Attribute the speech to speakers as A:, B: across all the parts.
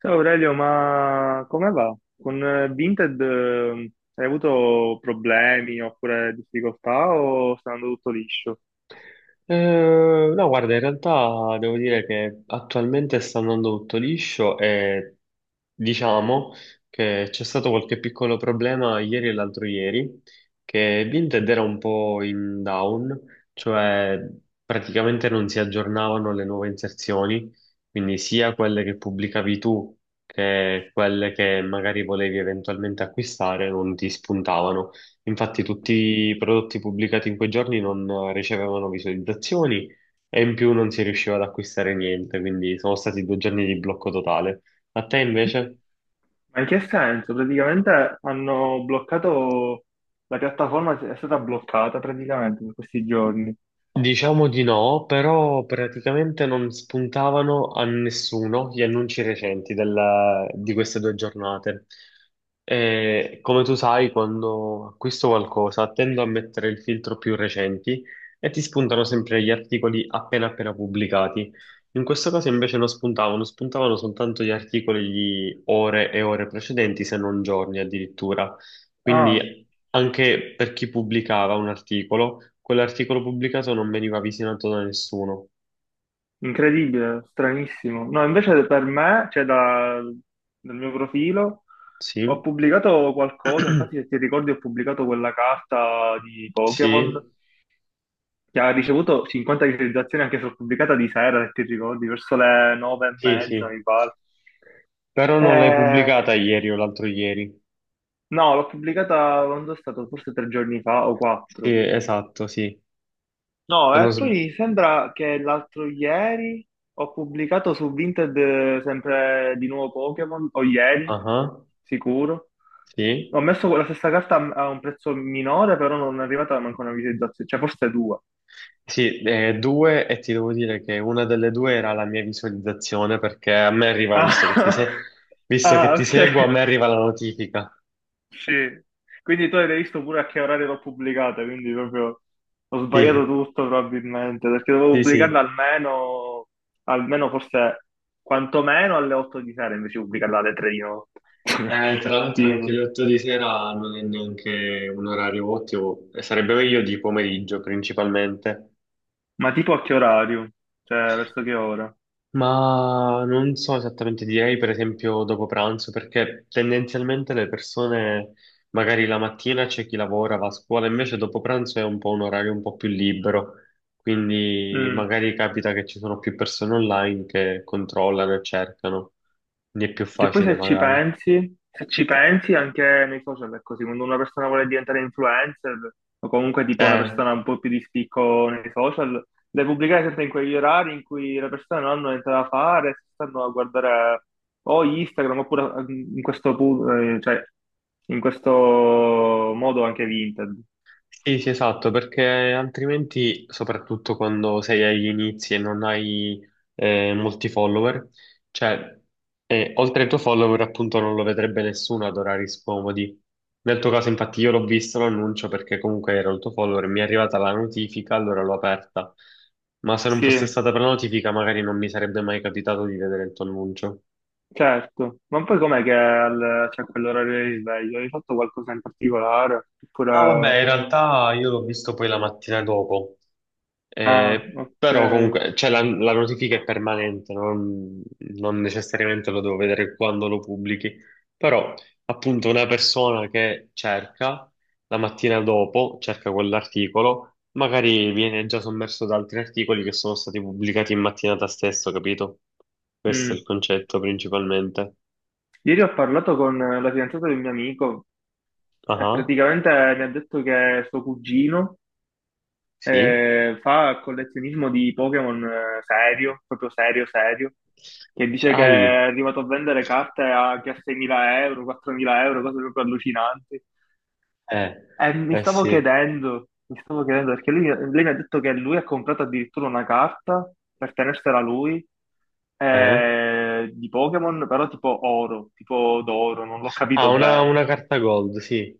A: Ciao Aurelio, ma come va? Con Vinted hai avuto problemi oppure difficoltà o sta andando tutto liscio?
B: No, guarda, in realtà devo dire che attualmente sta andando tutto liscio e diciamo che c'è stato qualche piccolo problema ieri e l'altro ieri, che Vinted era un po' in down, cioè praticamente non si aggiornavano le nuove inserzioni, quindi sia quelle che pubblicavi tu che quelle che magari volevi eventualmente acquistare non ti spuntavano. Infatti tutti i prodotti pubblicati in quei giorni non ricevevano visualizzazioni e in più non si riusciva ad acquistare niente, quindi sono stati 2 giorni di blocco totale. A te invece?
A: Ma in che senso? Praticamente hanno bloccato, la piattaforma è stata bloccata praticamente per questi giorni.
B: Diciamo di no, però praticamente non spuntavano a nessuno gli annunci recenti di queste 2 giornate. E, come tu sai, quando acquisto qualcosa tendo a mettere il filtro più recenti e ti spuntano sempre gli articoli appena appena pubblicati. In questo caso invece non spuntavano, spuntavano soltanto gli articoli di ore e ore precedenti, se non giorni addirittura.
A: Ah,
B: Quindi anche per chi pubblicava un articolo, quell'articolo pubblicato non veniva visionato da nessuno.
A: incredibile, stranissimo. No, invece per me, cioè dal mio profilo, ho
B: Sì?
A: pubblicato qualcosa, infatti se ti ricordi ho pubblicato quella carta di Pokémon
B: Sì?
A: che ha ricevuto 50 visualizzazioni anche sulla pubblicata di sera, se ti ricordi, verso le nove e
B: Sì,
A: mezza,
B: sì.
A: mi pare.
B: Però non l'hai
A: Eh,
B: pubblicata ieri o l'altro ieri.
A: no, l'ho pubblicata quando è stato forse tre giorni fa o
B: Sì,
A: quattro.
B: esatto, sì.
A: No,
B: Se non
A: e
B: sb-
A: poi sembra che l'altro ieri ho pubblicato su Vinted sempre di nuovo Pokémon, o ieri,
B: Ah,
A: sicuro.
B: sì.
A: Ho messo la stessa carta a un prezzo minore, però non è arrivata manco una visualizzazione, cioè forse due.
B: Sì, due e ti devo dire che una delle due era la mia visualizzazione perché a me arriva, visto che ti
A: Ah,
B: se- visto che
A: ah,
B: ti
A: ok.
B: seguo, a me arriva la notifica.
A: Sì. Quindi tu hai visto pure a che orario l'ho pubblicata, quindi proprio ho sbagliato
B: Sì,
A: tutto probabilmente, perché dovevo
B: sì,
A: pubblicarla
B: sì.
A: almeno, forse quantomeno alle 8 di sera, invece di pubblicarla alle 3 di notte.
B: Tra l'altro
A: Tipo.
B: anche le 8 di sera non è neanche un orario ottimo, e sarebbe meglio di pomeriggio principalmente,
A: Ma tipo a che orario? Cioè, verso che ora?
B: ma non so esattamente, direi per esempio dopo pranzo, perché tendenzialmente le persone magari la mattina c'è chi lavora, va a scuola, invece dopo pranzo è un po' un orario un po' più libero, quindi
A: Mm.
B: magari capita che ci sono più persone online che controllano e cercano, quindi è più
A: E poi
B: facile
A: se ci
B: magari.
A: pensi, se ci pensi anche nei social è così, quando una persona vuole diventare influencer o comunque tipo una
B: Eh.
A: persona un po' più di spicco nei social, deve pubblicare sempre in quegli orari in cui le persone non hanno niente da fare, si stanno a guardare o Instagram oppure cioè, in questo modo anche Vinted.
B: Sì, sì, esatto, perché altrimenti, soprattutto quando sei agli inizi e non hai molti follower, cioè, oltre ai tuoi follower, appunto, non lo vedrebbe nessuno ad orari scomodi. Nel tuo caso, infatti, io l'ho visto l'annuncio perché comunque era il tuo follower, mi è arrivata la notifica, allora l'ho aperta. Ma se non fosse
A: Sì,
B: stata per la notifica, magari non mi sarebbe mai capitato di vedere il tuo annuncio.
A: certo. Ma poi com'è che c'è quell'orario di sveglio? Hai fatto qualcosa in particolare?
B: No, vabbè,
A: Oppure.
B: in realtà io l'ho visto poi la mattina dopo.
A: Ah,
B: Però
A: ok.
B: comunque cioè, la notifica è permanente, non, non necessariamente lo devo vedere quando lo pubblichi, però appunto una persona che cerca la mattina dopo, cerca quell'articolo, magari viene già sommerso da altri articoli che sono stati pubblicati in mattinata stesso, capito? Questo è
A: Mm.
B: il concetto principalmente.
A: Ieri ho parlato con la fidanzata di un mio amico e
B: Ah,
A: praticamente mi ha detto che suo cugino
B: sì.
A: fa collezionismo di Pokémon serio, proprio serio, serio, che dice che è
B: Ai,
A: arrivato a vendere carte anche a 6.000 euro, 4.000 euro, cose proprio allucinanti.
B: eh,
A: Mi
B: eh
A: stavo
B: sì,
A: chiedendo, perché lui, lei mi ha detto che lui ha comprato addirittura una carta per tenersela lui
B: eh.
A: eh, di Pokémon, però tipo oro, tipo d'oro, non l'ho
B: Ah,
A: capito
B: una,
A: bene.
B: una carta gold, sì,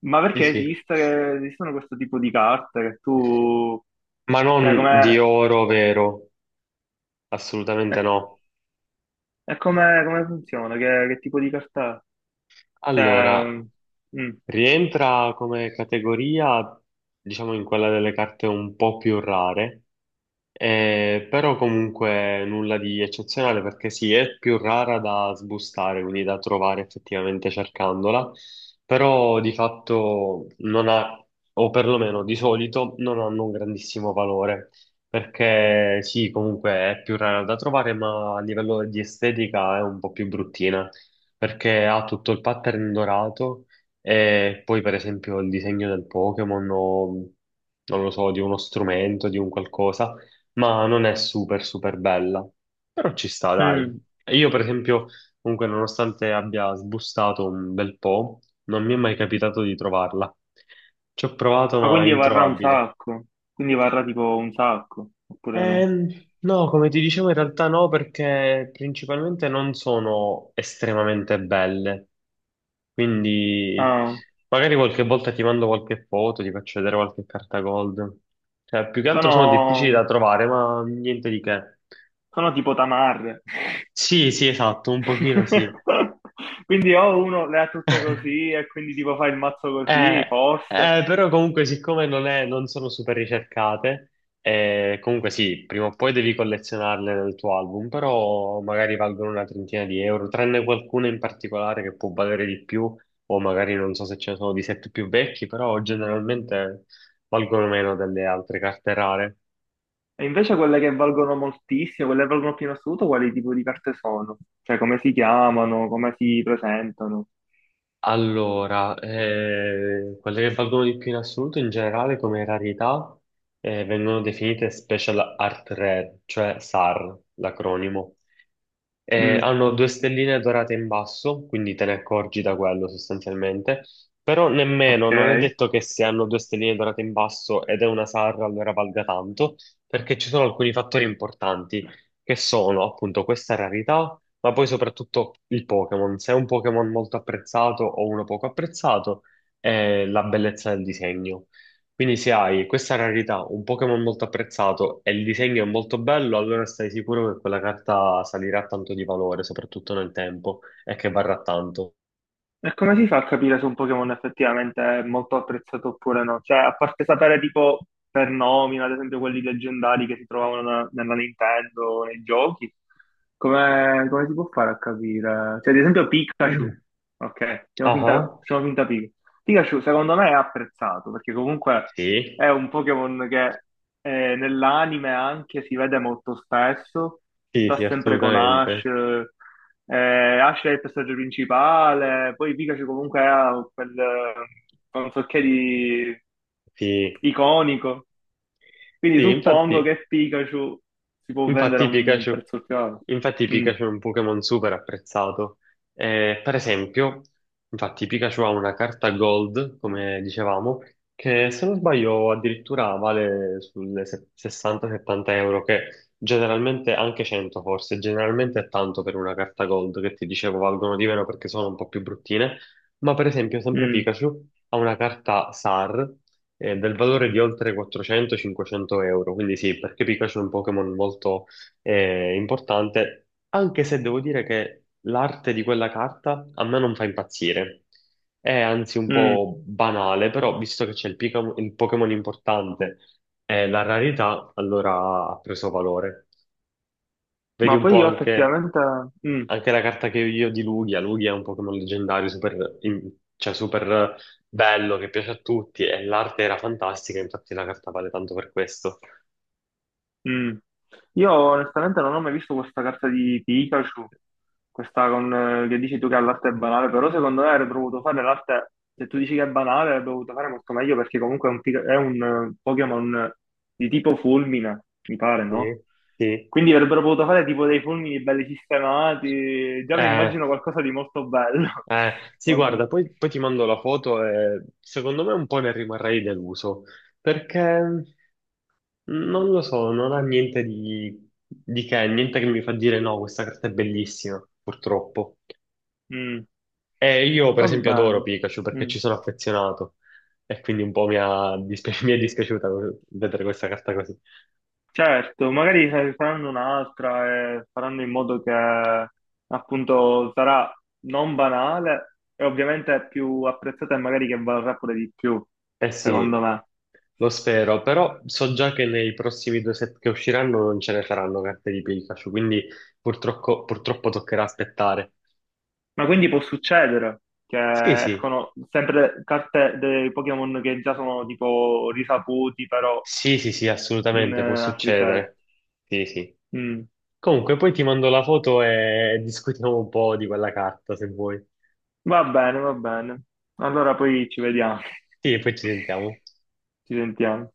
A: Ma
B: sì,
A: perché
B: sì.
A: esiste, esistono questo tipo di carte che tu.
B: Ma
A: Cioè,
B: non
A: com'è,
B: di oro vero,
A: e
B: assolutamente no.
A: come, funziona? Che tipo di carta è? Cioè,
B: Allora,
A: mm,
B: rientra come categoria, diciamo, in quella delle carte un po' più rare, però comunque nulla di eccezionale perché sì, è più rara da sbustare, quindi da trovare effettivamente cercandola, però di fatto non ha, o perlomeno di solito, non hanno un grandissimo valore, perché sì, comunque è più rara da trovare, ma a livello di estetica è un po' più bruttina, perché ha tutto il pattern dorato e poi, per esempio, il disegno del Pokémon o non lo so, di uno strumento, di un qualcosa, ma non è super, super bella. Però ci sta, dai.
A: mm.
B: E io, per esempio, comunque, nonostante abbia sbustato un bel po', non mi è mai capitato di trovarla. Ci ho provato,
A: Ma
B: ma è
A: quindi varrà un
B: introvabile.
A: sacco? Quindi varrà tipo un sacco, oppure no?
B: Ehm, no, come ti dicevo, in realtà no, perché principalmente non sono estremamente belle. Quindi
A: Ah.
B: magari qualche volta ti mando qualche foto, ti faccio vedere qualche carta gold. Cioè, più che altro sono
A: Sono,
B: difficili da trovare, ma niente di che.
A: sono tipo tamarre.
B: Sì, sì, esatto, un pochino sì.
A: Quindi o uno le ha tutte così e quindi tipo fa il mazzo
B: Eh,
A: così, forse.
B: però comunque siccome non sono super ricercate, comunque sì, prima o poi devi collezionarle nel tuo album, però magari valgono una trentina di euro, tranne qualcuna in particolare che può valere di più, o magari non so se ce ne sono di set più vecchi, però generalmente valgono meno delle altre carte rare.
A: E invece quelle che valgono moltissimo, quelle che valgono più in assoluto, quali tipo di carte sono? Cioè come si chiamano, come si presentano?
B: Allora, quelle che valgono di più in assoluto in generale come rarità vengono definite Special Art Rare, cioè SAR, l'acronimo.
A: Mm,
B: Hanno due stelline dorate in basso, quindi te ne accorgi da quello sostanzialmente, però nemmeno, non è
A: ok.
B: detto che se hanno due stelline dorate in basso ed è una SAR allora valga tanto, perché ci sono alcuni fattori importanti che sono appunto questa rarità ma poi soprattutto il Pokémon. Se è un Pokémon molto apprezzato o uno poco apprezzato, è la bellezza del disegno. Quindi se hai questa rarità, un Pokémon molto apprezzato e il disegno è molto bello, allora stai sicuro che quella carta salirà tanto di valore, soprattutto nel tempo, e che varrà tanto.
A: E come si fa a capire se un Pokémon effettivamente è molto apprezzato oppure no? Cioè, a parte sapere tipo per nomina, ad esempio quelli leggendari che si trovavano nella Nintendo, nei giochi, come, si può fare a capire? Cioè, ad esempio Pikachu, ok, facciamo
B: Ah,
A: finta,
B: ah.
A: Pikachu secondo me è apprezzato perché comunque
B: Sì,
A: è un Pokémon che nell'anime anche si vede molto spesso,
B: sì,
A: sta
B: sì,
A: sempre con Ash,
B: assolutamente.
A: Ash è il personaggio principale, poi Pikachu comunque ha quel non so che di
B: Sì,
A: iconico, quindi
B: sì,
A: suppongo
B: infatti.
A: che Pikachu si può vendere a
B: Infatti
A: un
B: Pikachu,
A: prezzo più alto.
B: infatti
A: Mm,
B: Pikachu è un Pokémon super apprezzato. Per esempio, infatti Pikachu ha una carta Gold, come dicevamo, che se non sbaglio addirittura vale sulle 60-70 euro, che generalmente anche 100 forse, generalmente è tanto per una carta Gold, che ti dicevo valgono di meno perché sono un po' più bruttine, ma per esempio sempre
A: mm,
B: Pikachu ha una carta SAR del valore di oltre 400-500 euro. Quindi sì, perché Pikachu è un Pokémon molto importante, anche se devo dire che l'arte di quella carta a me non fa impazzire. È anzi un
A: mm.
B: po' banale, però visto che c'è il, il Pokémon importante e la rarità, allora ha preso valore. Vedi
A: Ma
B: un
A: poi
B: po'
A: io
B: anche
A: effettivamente. Mm.
B: anche la carta che io ho di Lugia. Lugia è un Pokémon leggendario, super, in- cioè super bello, che piace a tutti e l'arte era fantastica, infatti la carta vale tanto per questo.
A: Mm. Io onestamente non ho mai visto questa carta di Pikachu, questa con, che dici tu che l'arte è banale, però secondo me avrebbe dovuto fare l'arte, se tu dici che è banale, avrebbe dovuto fare molto meglio perché comunque è un Pokémon di tipo fulmine, mi pare,
B: Sì,
A: no?
B: sì.
A: Quindi avrebbero potuto fare tipo dei fulmini belli sistemati, già mi
B: Eh,
A: immagino qualcosa di molto bello,
B: sì,
A: o
B: guarda,
A: no?
B: poi, poi ti mando la foto e secondo me un po' ne rimarrei deluso, perché non lo so, non ha niente di che, niente che mi fa dire no, questa carta è bellissima, purtroppo.
A: Mm.
B: Io per
A: Va
B: esempio adoro
A: bene.
B: Pikachu perché
A: Mm.
B: ci sono affezionato e quindi un po' mi è dispiaciuta vedere questa carta così.
A: Certo, magari faranno un'altra e faranno in modo che appunto sarà non banale e ovviamente più apprezzata e magari che valrà pure di più,
B: Eh
A: secondo
B: sì,
A: me.
B: lo spero, però so già che nei prossimi due set che usciranno non ce ne saranno carte di Pikachu, quindi purtroppo, purtroppo toccherà aspettare.
A: Ma quindi può succedere
B: Sì,
A: che
B: sì,
A: escono sempre carte dei Pokémon che già sono tipo risaputi, però
B: sì, sì, sì,
A: in
B: assolutamente può
A: altri set.
B: succedere. Sì, sì.
A: Mm.
B: Comunque poi ti mando la foto e discutiamo un po' di quella carta se vuoi.
A: Va bene, va bene. Allora poi ci vediamo,
B: Sì, e poi ci sentiamo.
A: ci sentiamo.